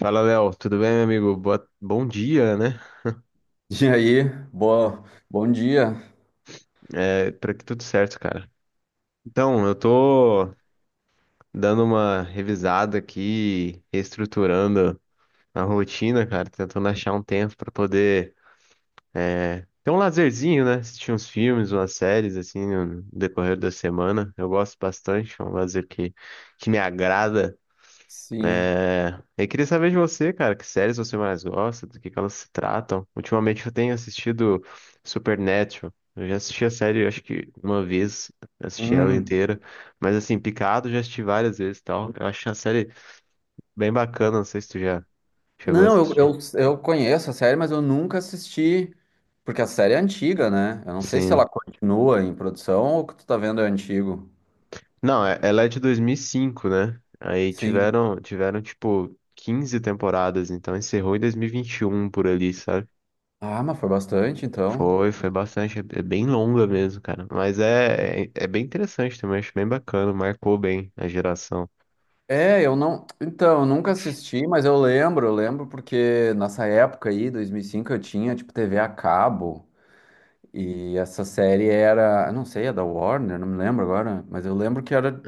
Fala, Léo. Tudo bem, meu amigo? Bom dia, né? E aí, boa, bom dia. É, por aqui tudo certo, cara. Então, eu tô dando uma revisada aqui, reestruturando a rotina, cara, tentando achar um tempo pra poder ter um lazerzinho, né? Assistir uns filmes, umas séries, assim, no decorrer da semana. Eu gosto bastante, é um lazer que me agrada. Sim. É, eu queria saber de você, cara, que séries você mais gosta, do que elas se tratam. Ultimamente eu tenho assistido Supernatural. Eu já assisti a série, acho que uma vez, assisti ela Hum. inteira. Mas assim, Picado já assisti várias vezes e tal. Eu acho a série bem bacana, não sei se tu já chegou a Não, eu, assistir. eu, eu conheço a série, mas eu nunca assisti, porque a série é antiga, né? Eu não sei se ela Sim. continua em produção ou o que tu tá vendo é antigo. Não, ela é de 2005, né? Aí Sim. tiveram tipo 15 temporadas, então encerrou em 2021 por ali, sabe? Ah, mas foi bastante, então. Foi bastante. É bem longa mesmo, cara. Mas é bem interessante também. Acho bem bacana. Marcou bem a geração. É, eu não. Então, eu nunca assisti, mas eu lembro porque nessa época aí, 2005 eu tinha, tipo, TV a cabo. E essa série era, eu não sei, é da Warner, não me lembro agora. Mas eu lembro que era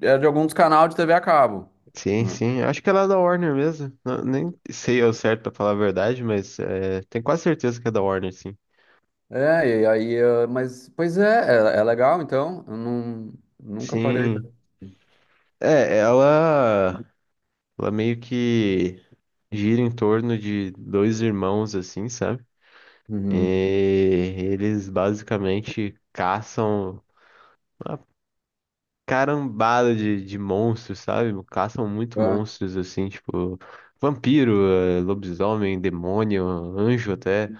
Era de algum dos canais de TV a cabo. Sim, Né? sim. Acho que ela é da Warner mesmo. Nem sei ao certo pra falar a verdade, mas é, tenho quase certeza que é da Warner, sim. É, e aí, mas, pois é, é legal, então, eu não, nunca parei. Sim. É, ela meio que gira em torno de dois irmãos, assim, sabe? E Uhum. eles basicamente caçam. ah, Carambada de monstros, sabe? Caçam muito É, monstros, assim, tipo, vampiro, lobisomem, demônio, anjo até.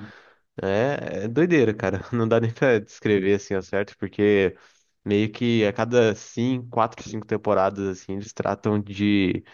É doideira, cara. Não dá nem pra descrever, assim, ao certo, porque meio que a cada cinco, quatro, cinco temporadas, assim, eles tratam de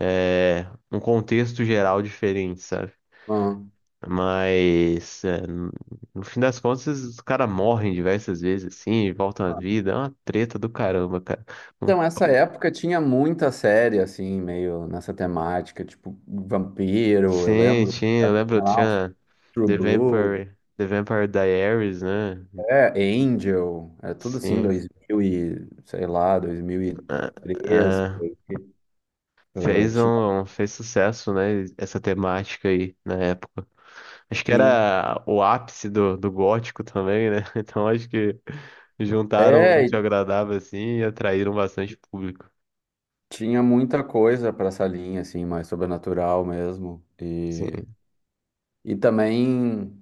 um contexto geral diferente, sabe? uhum. Mas, no fim das contas, os caras morrem diversas vezes, assim, e voltam à Ah. vida. É uma treta do caramba, cara. Então, essa época tinha muita série, assim, meio nessa temática, tipo Vampiro, eu Sim, lembro, tinha, eu sabe, lembro, tinha lá uns tinha True Blood, The Vampire Diaries, né? é, Angel, é tudo assim, Sim. 2000 e, sei lá, Ah, 2003, por ah, aí, tinha fez sucesso, né? Essa temática aí na época. Acho que assim. era o ápice do gótico também, né? Então acho que juntaram o É, útil ao e agradável assim e atraíram bastante público. tinha muita coisa para essa linha, assim, mais sobrenatural mesmo. E, Sim. e também,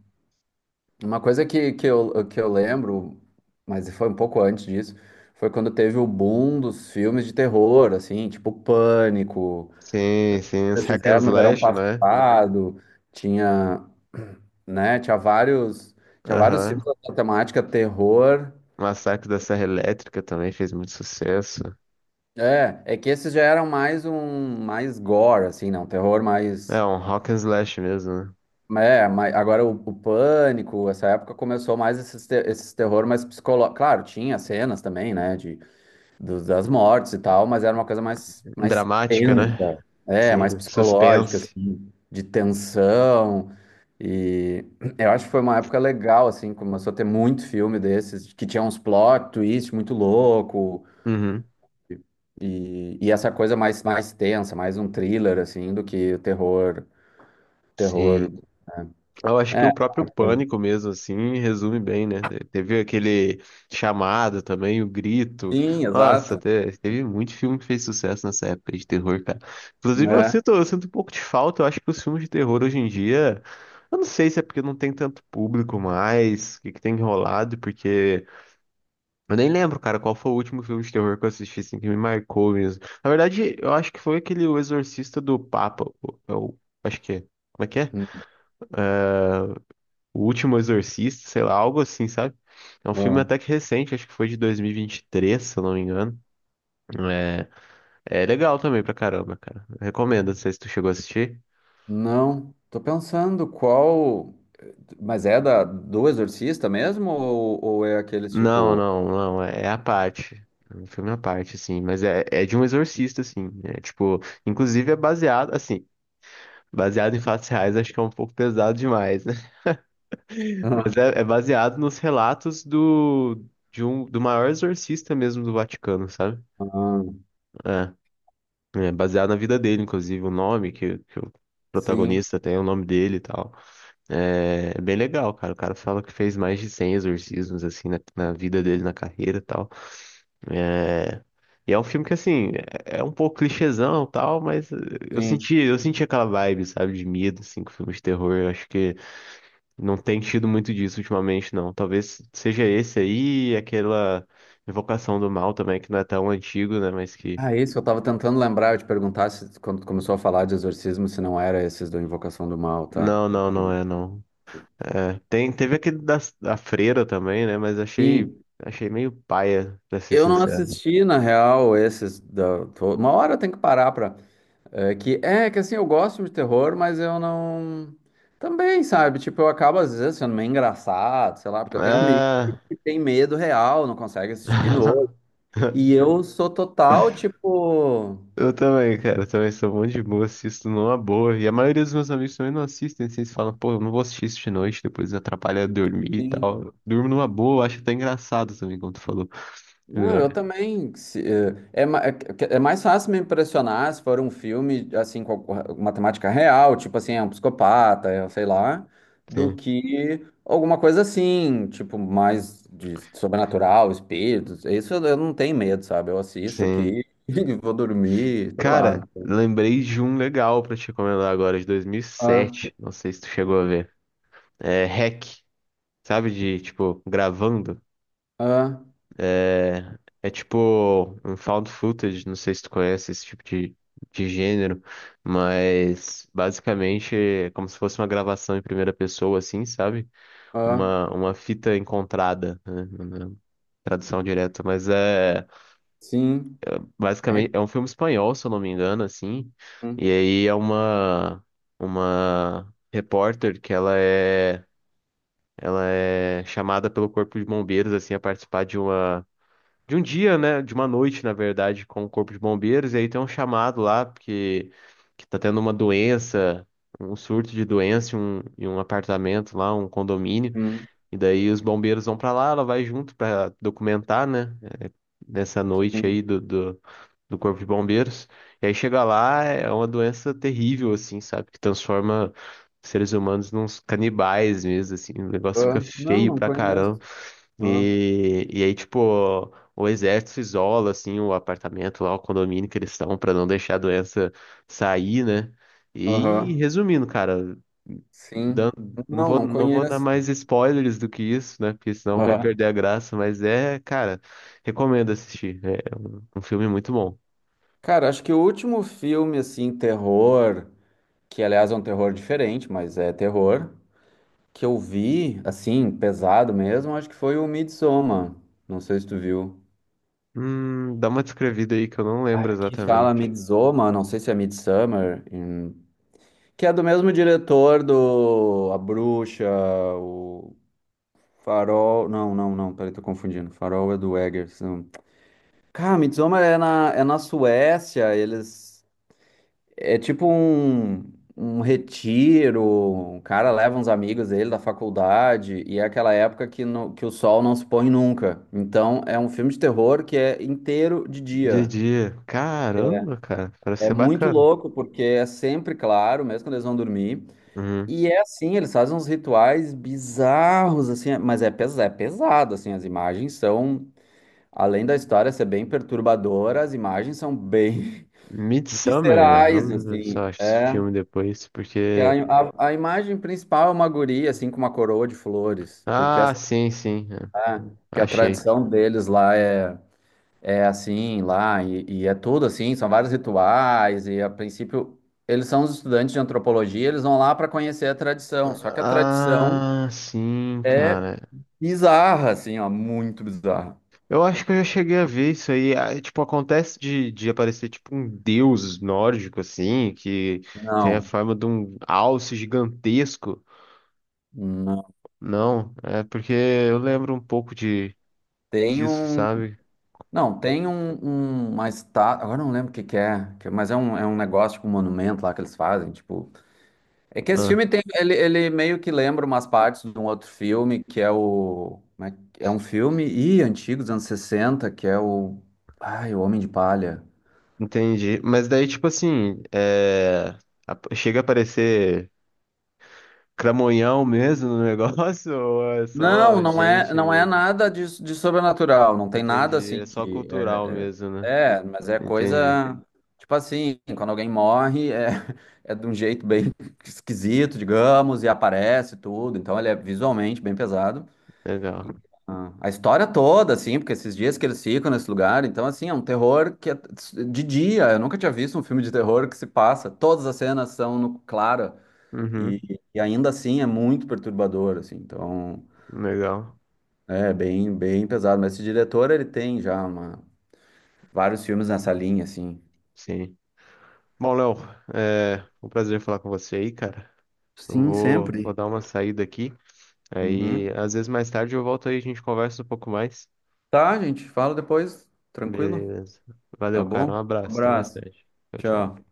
uma coisa que eu lembro, mas foi um pouco antes disso, foi quando teve o boom dos filmes de terror, assim, tipo Pânico. Sim, sim, os Esses hack and eram no verão slash, né? passado, tinha, né, tinha vários filmes Aham. da temática terror. Massacre da Serra Elétrica também fez muito sucesso. É que esses já eram mais um, mais gore, assim, não, terror É mais. um rock and slash mesmo, né? É, mas agora o Pânico, essa época começou mais esses, esses terror mais psicológico. Claro, tinha cenas também, né, das mortes e tal, mas era uma coisa mais Dramática, né? tensa, é, mais Sim, psicológica, suspense. assim, de tensão. E eu acho que foi uma época legal, assim, começou a ter muito filme desses, que tinha uns plot twist muito louco, Uhum. e essa coisa mais tensa, mais um thriller, assim, do que o terror, Sim. terror. Né. Eu acho que o É, próprio Pânico mesmo, assim, resume bem, né? Teve aquele chamado também, O Grito. sim, Nossa, exato. Teve muito filme que fez sucesso nessa época de terror, cara. Inclusive, eu É. sinto, eu sinto um pouco de falta. Eu acho que os filmes de terror hoje em dia. Eu não sei se é porque não tem tanto público mais, o que que tem enrolado, porque. Eu nem lembro, cara, qual foi o último filme de terror que eu assisti, assim, que me marcou mesmo. Na verdade, eu acho que foi aquele O Exorcista do Papa. Eu acho que é. Como é que é? Hum, O Último Exorcista, sei lá, algo assim, sabe? É um filme ó. até que recente, acho que foi de 2023, se eu não me engano. É, é legal também pra caramba, cara. Recomendo, não sei se tu chegou a assistir. Não, tô pensando qual. Mas é da do Exorcista mesmo? Ou é aqueles Não, tipo. não, não, é à parte. É um filme à parte, assim, mas é de um exorcista, assim. É tipo, inclusive é baseado, assim, baseado em fatos reais, acho que é um pouco pesado demais. Mas Ah, é baseado nos relatos do maior exorcista mesmo do Vaticano, sabe? ah, É, é baseado na vida dele, inclusive, o nome que o sim, protagonista tem, o nome dele e tal. É bem legal, cara. O cara fala que fez mais de 100 exorcismos, assim, na vida dele, na carreira e tal. É, e é um filme que, assim, é um pouco clichêzão e tal, mas eu sim. senti, eu senti aquela vibe, sabe, de medo, assim, com filmes de terror. Eu acho que não tem tido muito disso ultimamente, não. Talvez seja esse aí, e aquela Invocação do Mal também, que não é tão antigo, né? Mas que. Ah, isso eu tava tentando lembrar, eu te perguntar se quando tu começou a falar de exorcismo, se não era esses do Invocação do Mal, tá? Não, não, não Então, é, não. É, teve aquele da Freira também, né? Mas achei, sim, achei meio paia, pra ser eu não sincero. assisti, na real, esses da. Uma hora eu tenho que parar pra. É que assim, eu gosto de terror, mas eu não. Também, sabe? Tipo, eu acabo às vezes sendo meio engraçado, sei lá, porque eu tenho amigos Ah. que têm medo real, não conseguem assistir de novo. E eu sou total, tipo. Eu também, cara. Eu também sou um monte de boa, assisto numa boa. E a maioria dos meus amigos também não assistem. Assim, eles falam, pô, eu não vou assistir isso de noite, depois atrapalha dormir e tal. Eu durmo numa boa, eu acho até engraçado também, como tu falou. Não, eu É, também. É mais fácil me impressionar se for um filme, assim, com uma temática real, tipo assim, é um psicopata, é, sei lá, do sim, que alguma coisa assim, tipo, mais de sobrenatural, espíritos. Isso eu não tenho medo, sabe? Eu assisto sim. aqui e vou dormir, sei lá. Cara, lembrei de um legal pra te recomendar agora, de Ah, 2007. Não sei se tu chegou a ver. É Hack, sabe? De, tipo, gravando. ah, É tipo um found footage. Não sei se tu conhece esse tipo de gênero. Mas, basicamente, é como se fosse uma gravação em primeira pessoa, assim, sabe? ah, Uma fita encontrada, né? Na tradução direta. Mas é. sim. É. Basicamente, é um filme espanhol, se eu não me engano, assim. E Hum, aí é uma repórter que ela é chamada pelo Corpo de Bombeiros assim a participar de um dia, né, de uma noite, na verdade, com o Corpo de Bombeiros, e aí tem um chamado lá porque que tá tendo uma doença, um surto de doença em um apartamento lá, um condomínio, hum, e daí os bombeiros vão pra lá, ela vai junto pra documentar, né, nessa noite sim. aí do Corpo de Bombeiros. E aí chega lá, é uma doença terrível, assim, sabe? Que transforma seres humanos nos canibais mesmo, assim. O negócio fica Ah, não, feio não pra conheço. caramba. Ah, E aí, tipo, o exército isola, assim, o apartamento lá, o condomínio que eles estão, pra não deixar a doença sair, né? E aham, resumindo, cara. sim. dan- Não Não, vou, não não vou dar conheço. mais spoilers do que isso, né? Porque senão vai Aham. perder a graça. Mas é, cara, recomendo assistir. É um filme muito bom. Cara, acho que o último filme, assim, terror, que aliás é um terror diferente, mas é terror, que eu vi, assim, pesado mesmo, acho que foi o Midsommar. Não sei se tu viu. Dá uma descrevida aí que eu não Ai, lembro aqui fala exatamente. Midsommar, não sei se é Midsummer, que é do mesmo diretor do A Bruxa, o Farol. Não, não, não, peraí, tô confundindo. Farol é do Eggers. Não. Cara, Midsommar é na Suécia, eles. É tipo um, retiro, o cara leva uns amigos dele da faculdade, e é aquela época que, que o sol não se põe nunca. Então é um filme de terror que é inteiro de Dia a dia. dia. Caramba, cara, parece É ser muito bacana. louco, porque é sempre claro, mesmo quando eles vão dormir. Uhum. E é assim, eles fazem uns rituais bizarros, assim, mas é, pes é pesado, assim, as imagens são, além da história ser bem perturbadora, as imagens são bem Midsummer, viscerais, vamos ver se eu assim, acho esse é. filme depois, Que A, porque. a, a imagem principal é uma guria, assim, com uma coroa de flores, porque Ah, essa sim, sim. É. lá- que a Achei. tradição deles lá é, assim, lá, e é tudo assim, são vários rituais, e a princípio, eles são os estudantes de antropologia, eles vão lá para conhecer a tradição, só que a tradição Ah, sim, é cara. bizarra, assim, ó, muito bizarra. Eu acho que eu já cheguei a ver isso aí. Ah, tipo, acontece de aparecer tipo um deus nórdico, assim, que tem a Não, forma de um alce gigantesco. não, Não, é porque eu lembro um pouco de tem disso, um, sabe? não, tem uma estátua, agora eu não lembro o que que é, mas é um negócio, tipo, um monumento lá que eles fazem, tipo. É que esse Ah, filme tem, ele meio que lembra umas partes de um outro filme, que é o. É um filme antigo, dos anos 60, que é o. Ai, o Homem de Palha. entendi. Mas daí, tipo assim, chega a aparecer cramonhão mesmo no negócio ou é Não, só não é, gente não é mesmo? nada de sobrenatural, não tem nada Entendi. assim É só de. cultural mesmo, né? Mas é Entendi. coisa. Tipo assim, quando alguém morre, é, é de um jeito bem esquisito, digamos, e aparece tudo, então ele é visualmente bem pesado. Legal. Ah, a história toda, assim, porque esses dias que eles ficam nesse lugar, então, assim, é um terror que é de dia. Eu nunca tinha visto um filme de terror que se passa. Todas as cenas são no clara Uhum. e, e ainda assim é muito perturbador, assim. Então, Legal. é bem, bem pesado. Mas esse diretor, ele tem já vários filmes nessa linha, assim. Sim. Bom, Léo, é um prazer falar com você aí, cara. Eu Sim, vou, vou sempre. dar uma saída aqui. Aí, Uhum. às vezes mais tarde eu volto aí, a gente conversa um pouco mais. Tá, gente, fala depois. Tranquilo? Beleza. Tá Valeu, cara. Um bom? abraço. Até mais Abraço. tarde. Tchau, tchau. Tchau.